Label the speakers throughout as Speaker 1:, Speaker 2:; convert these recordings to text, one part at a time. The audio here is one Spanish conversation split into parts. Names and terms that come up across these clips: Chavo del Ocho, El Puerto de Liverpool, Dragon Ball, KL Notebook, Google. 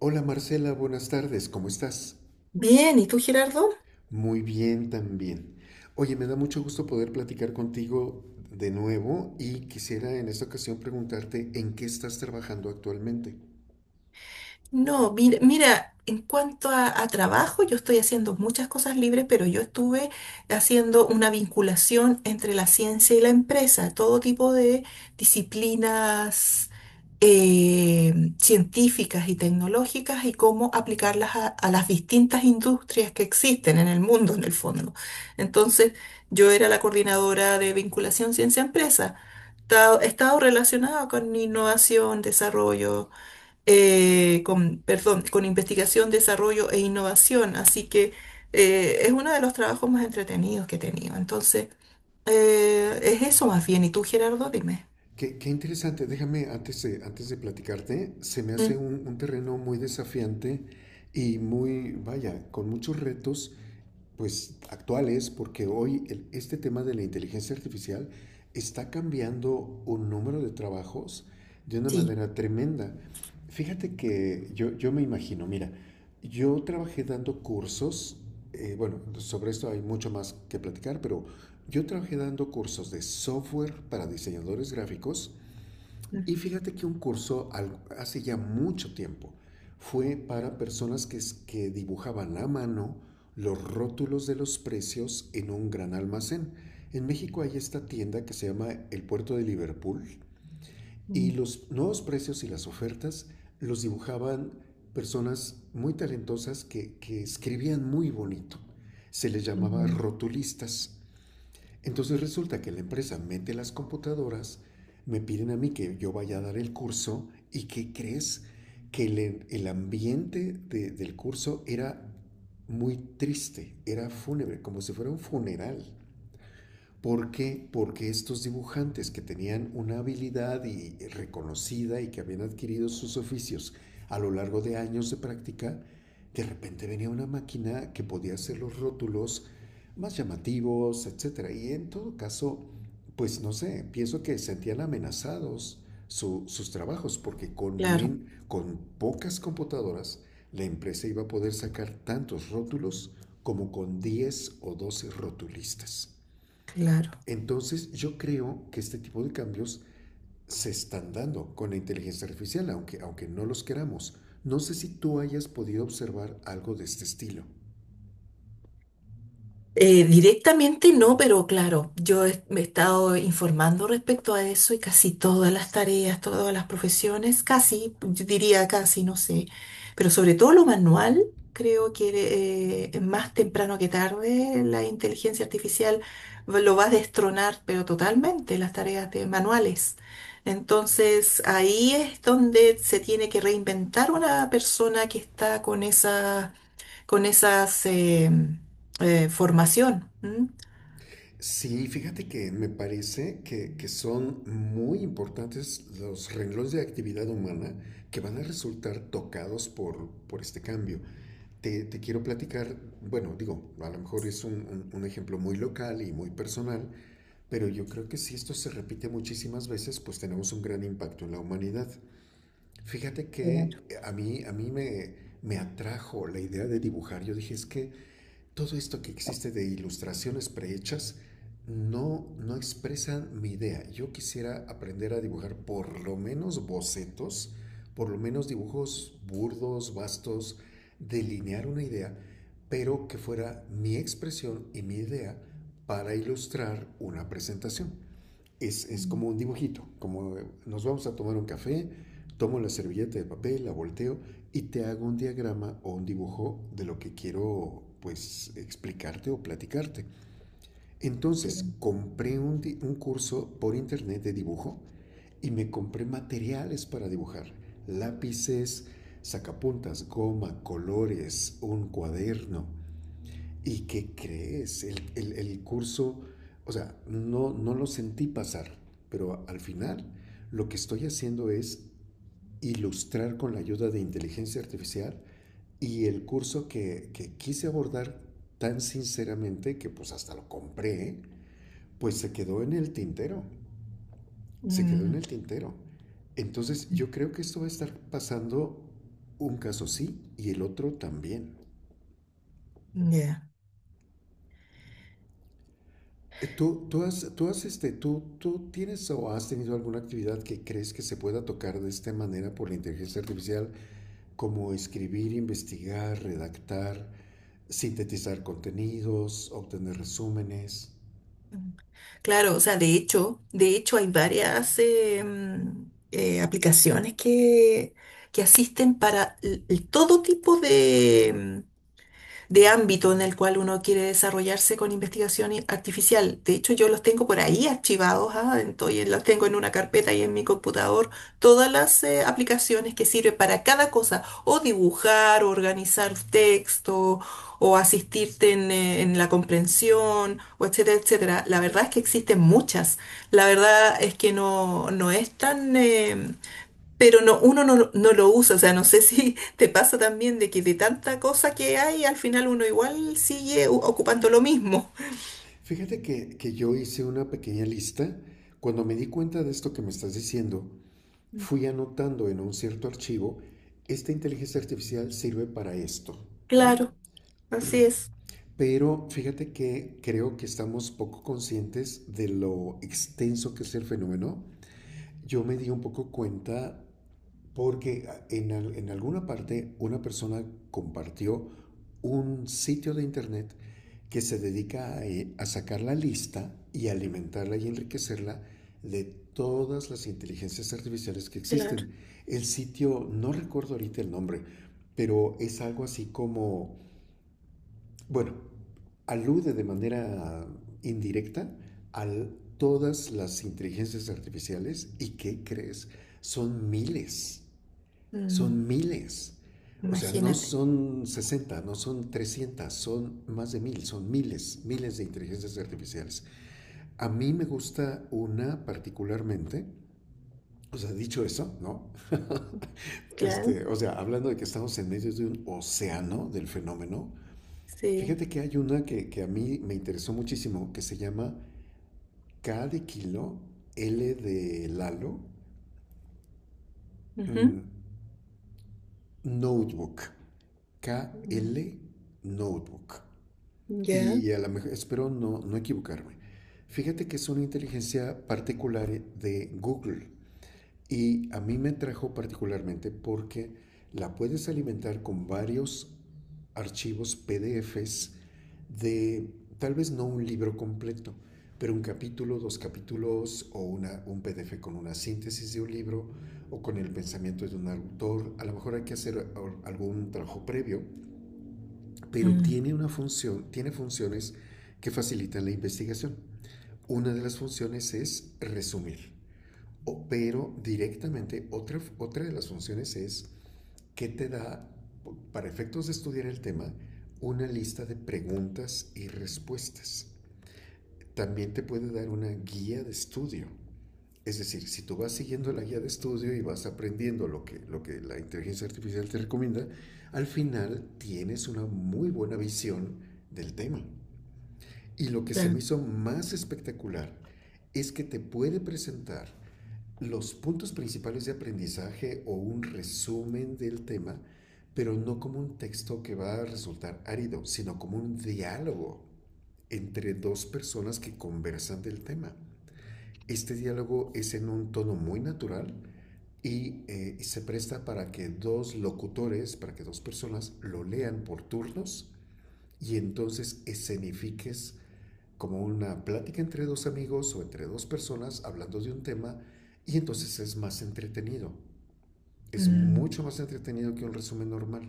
Speaker 1: Hola Marcela, buenas tardes, ¿cómo estás?
Speaker 2: Bien, ¿y tú, Gerardo?
Speaker 1: Muy bien también. Oye, me da mucho gusto poder platicar contigo de nuevo y quisiera en esta ocasión preguntarte en qué estás trabajando actualmente.
Speaker 2: No, mira, en cuanto a trabajo, yo estoy haciendo muchas cosas libres, pero yo estuve haciendo una vinculación entre la ciencia y la empresa, todo tipo de disciplinas eh, científicas y tecnológicas y cómo aplicarlas a las distintas industrias que existen en el mundo, en el fondo. Entonces, yo era la coordinadora de vinculación ciencia-empresa. He estado relacionada con innovación, desarrollo con, perdón, con investigación, desarrollo e innovación. Así que es uno de los trabajos más entretenidos que he tenido. Entonces, es eso más bien. ¿Y tú, Gerardo? Dime.
Speaker 1: Qué interesante, déjame antes de platicarte, se me hace
Speaker 2: Mm.
Speaker 1: un terreno muy desafiante y muy, vaya, con muchos retos, pues actuales, porque hoy este tema de la inteligencia artificial está cambiando un número de trabajos de una
Speaker 2: Sí.
Speaker 1: manera tremenda. Fíjate que yo me imagino, mira, yo trabajé dando cursos, bueno, sobre esto hay mucho más que platicar, pero yo trabajé dando cursos de software para diseñadores gráficos
Speaker 2: Mm,
Speaker 1: y fíjate que un hace ya mucho tiempo fue para personas que dibujaban a mano los rótulos de los precios en un gran almacén. En México hay esta tienda que se llama El Puerto de Liverpool y
Speaker 2: mm,
Speaker 1: los nuevos precios y las ofertas los dibujaban personas muy talentosas que escribían muy bonito. Se les llamaba
Speaker 2: mm.
Speaker 1: rotulistas. Entonces resulta que la empresa mete las computadoras, me piden a mí que yo vaya a dar el curso. ¿Y qué crees? Que el ambiente del curso era muy triste, era fúnebre, como si fuera un funeral. ¿Por qué? Porque estos dibujantes que tenían una habilidad y reconocida y que habían adquirido sus oficios a lo largo de años de práctica, de repente venía una máquina que podía hacer los rótulos más llamativos, etcétera. Y en todo caso, pues no sé, pienso que sentían amenazados sus trabajos porque
Speaker 2: Claro,
Speaker 1: con pocas computadoras la empresa iba a poder sacar tantos rótulos como con 10 o 12 rotulistas.
Speaker 2: claro.
Speaker 1: Entonces yo creo que este tipo de cambios se están dando con la inteligencia artificial, aunque no los queramos. No sé si tú hayas podido observar algo de este estilo.
Speaker 2: Directamente no, pero claro, me he estado informando respecto a eso y casi todas las tareas, todas las profesiones, casi, yo diría casi, no sé, pero sobre todo lo manual, creo que más temprano que tarde la inteligencia artificial lo va a destronar, pero totalmente las tareas de manuales. Entonces ahí es donde se tiene que reinventar una persona que está con esa con esas formación. ¿M?
Speaker 1: Sí, fíjate que me parece que son muy importantes los renglones de actividad humana que van a resultar tocados por este cambio. Te quiero platicar, bueno, digo, a lo mejor es un, un ejemplo muy local y muy personal, pero yo creo que si esto se repite muchísimas veces, pues tenemos un gran impacto en la humanidad. Fíjate
Speaker 2: Claro.
Speaker 1: que a mí, me atrajo la idea de dibujar. Yo dije, es que todo esto que existe de ilustraciones prehechas no expresan mi idea. Yo quisiera aprender a dibujar por lo menos bocetos, por lo menos dibujos burdos, vastos, delinear una idea, pero que fuera mi expresión y mi idea para ilustrar una presentación
Speaker 2: Mm.
Speaker 1: como un dibujito, como nos vamos a tomar un café, tomo la servilleta de papel, la volteo y te hago un diagrama o un dibujo de lo que quiero pues explicarte o platicarte. Entonces
Speaker 2: Claro.
Speaker 1: compré un curso por internet de dibujo y me compré materiales para dibujar, lápices, sacapuntas, goma, colores, un cuaderno. ¿Y qué crees? El, el curso, o sea, no lo sentí pasar, pero al final lo que estoy haciendo es ilustrar con la ayuda de inteligencia artificial, y el curso que quise abordar tan sinceramente que pues hasta lo compré, pues se quedó en el tintero, se quedó en
Speaker 2: Mm,
Speaker 1: el tintero. Entonces yo creo que esto va a estar pasando un caso sí y el otro también.
Speaker 2: mm, ya.
Speaker 1: ¿Tú, tú tienes o has tenido alguna actividad que crees que se pueda tocar de esta manera por la inteligencia artificial, como escribir, investigar, redactar, sintetizar contenidos, obtener resúmenes?
Speaker 2: Mm. Claro, o sea, de hecho hay varias aplicaciones que asisten para todo tipo de, de ámbito en el cual uno quiere desarrollarse con investigación artificial. De hecho, yo los tengo por ahí archivados, ah, entonces los tengo en una carpeta y en mi computador, todas las aplicaciones que sirven para cada cosa, o dibujar, o organizar texto, o asistirte en la comprensión, o etcétera, etcétera. La verdad es que existen muchas. La verdad es que no, no es tan... pero no, uno no, no lo usa, o sea, no sé si te pasa también de que de tanta cosa que hay, al final uno igual sigue ocupando lo mismo.
Speaker 1: Fíjate que yo hice una pequeña lista. Cuando me di cuenta de esto que me estás diciendo,
Speaker 2: Mm.
Speaker 1: fui anotando en un cierto archivo, esta inteligencia artificial sirve para esto, ¿no?
Speaker 2: Claro, así es,
Speaker 1: Pero fíjate que creo que estamos poco conscientes de lo extenso que es el fenómeno. Yo me di un poco cuenta porque en alguna parte una persona compartió un sitio de internet que se dedica a sacar la lista y alimentarla y enriquecerla de todas las inteligencias artificiales que
Speaker 2: claro.
Speaker 1: existen. El sitio, no recuerdo ahorita el nombre, pero es algo así como, bueno, alude de manera indirecta a todas las inteligencias artificiales. ¿Y qué crees? Son miles,
Speaker 2: Mm,
Speaker 1: son miles. O sea, no
Speaker 2: imagínate,
Speaker 1: son 60, no son 300, son más de mil, son miles, miles de inteligencias artificiales. A mí me gusta una particularmente, o sea, dicho eso, ¿no?
Speaker 2: claro,
Speaker 1: Este, o sea, hablando de que estamos en medio de un océano del fenómeno,
Speaker 2: sí.
Speaker 1: fíjate que hay una que a mí me interesó muchísimo, que se llama K de kilo, L de Lalo, mm,
Speaker 2: Ujú.
Speaker 1: Notebook. K
Speaker 2: Mm.
Speaker 1: L Notebook.
Speaker 2: Ya.
Speaker 1: Y a lo mejor, espero no equivocarme. Fíjate que es una inteligencia particular de Google. Y a mí me trajo particularmente porque la puedes alimentar con varios archivos PDFs de tal vez no un libro completo, pero un capítulo, dos capítulos o una, un PDF con una síntesis de un libro o con el pensamiento de un autor. A lo mejor hay que hacer algún trabajo previo, pero
Speaker 2: Mm,
Speaker 1: tiene una función, tiene funciones que facilitan la investigación. Una de las funciones es resumir. Pero directamente, otra de las funciones es que te da, para efectos de estudiar el tema, una lista de preguntas y respuestas. También te puede dar una guía de estudio. Es decir, si tú vas siguiendo la guía de estudio y vas aprendiendo lo que la inteligencia artificial te recomienda, al final tienes una muy buena visión del tema. Y lo que se me
Speaker 2: claro.
Speaker 1: hizo más espectacular es que te puede presentar los puntos principales de aprendizaje o un resumen del tema, pero no como un texto que va a resultar árido, sino como un diálogo entre dos personas que conversan del tema. Este diálogo es en un tono muy natural y se presta para que dos locutores, para que dos personas lo lean por turnos y entonces escenifiques como una plática entre dos amigos o entre dos personas hablando de un tema y entonces es más entretenido. Es
Speaker 2: Mm,
Speaker 1: mucho más entretenido que un resumen normal.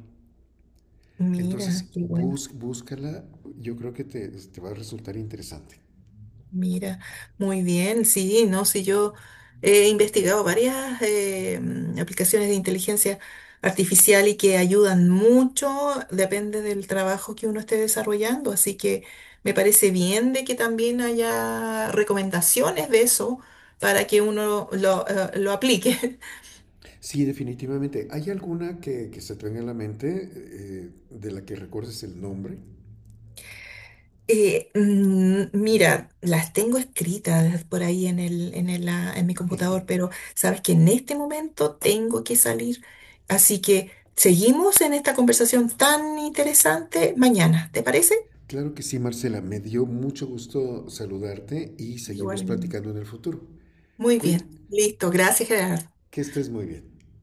Speaker 2: mira,
Speaker 1: Entonces,
Speaker 2: qué bueno.
Speaker 1: búscala, yo creo que va a resultar interesante.
Speaker 2: Mira, muy bien, sí, no, sí, yo he investigado varias aplicaciones de inteligencia artificial y que ayudan mucho, depende del trabajo que uno esté desarrollando, así que me parece bien de que también haya recomendaciones de eso para que uno lo aplique.
Speaker 1: Sí, definitivamente. ¿Hay alguna que se te venga a la mente, de la que recuerdes el nombre?
Speaker 2: Mira, las tengo escritas por ahí en el, ah, en mi computador, pero sabes que en este momento tengo que salir. Así que seguimos en esta conversación tan interesante mañana, ¿te parece?
Speaker 1: Claro que sí, Marcela. Me dio mucho gusto saludarte y seguimos
Speaker 2: Igualmente.
Speaker 1: platicando en el futuro.
Speaker 2: Muy
Speaker 1: Que
Speaker 2: bien. Listo. Gracias, Gerardo.
Speaker 1: que estés muy bien.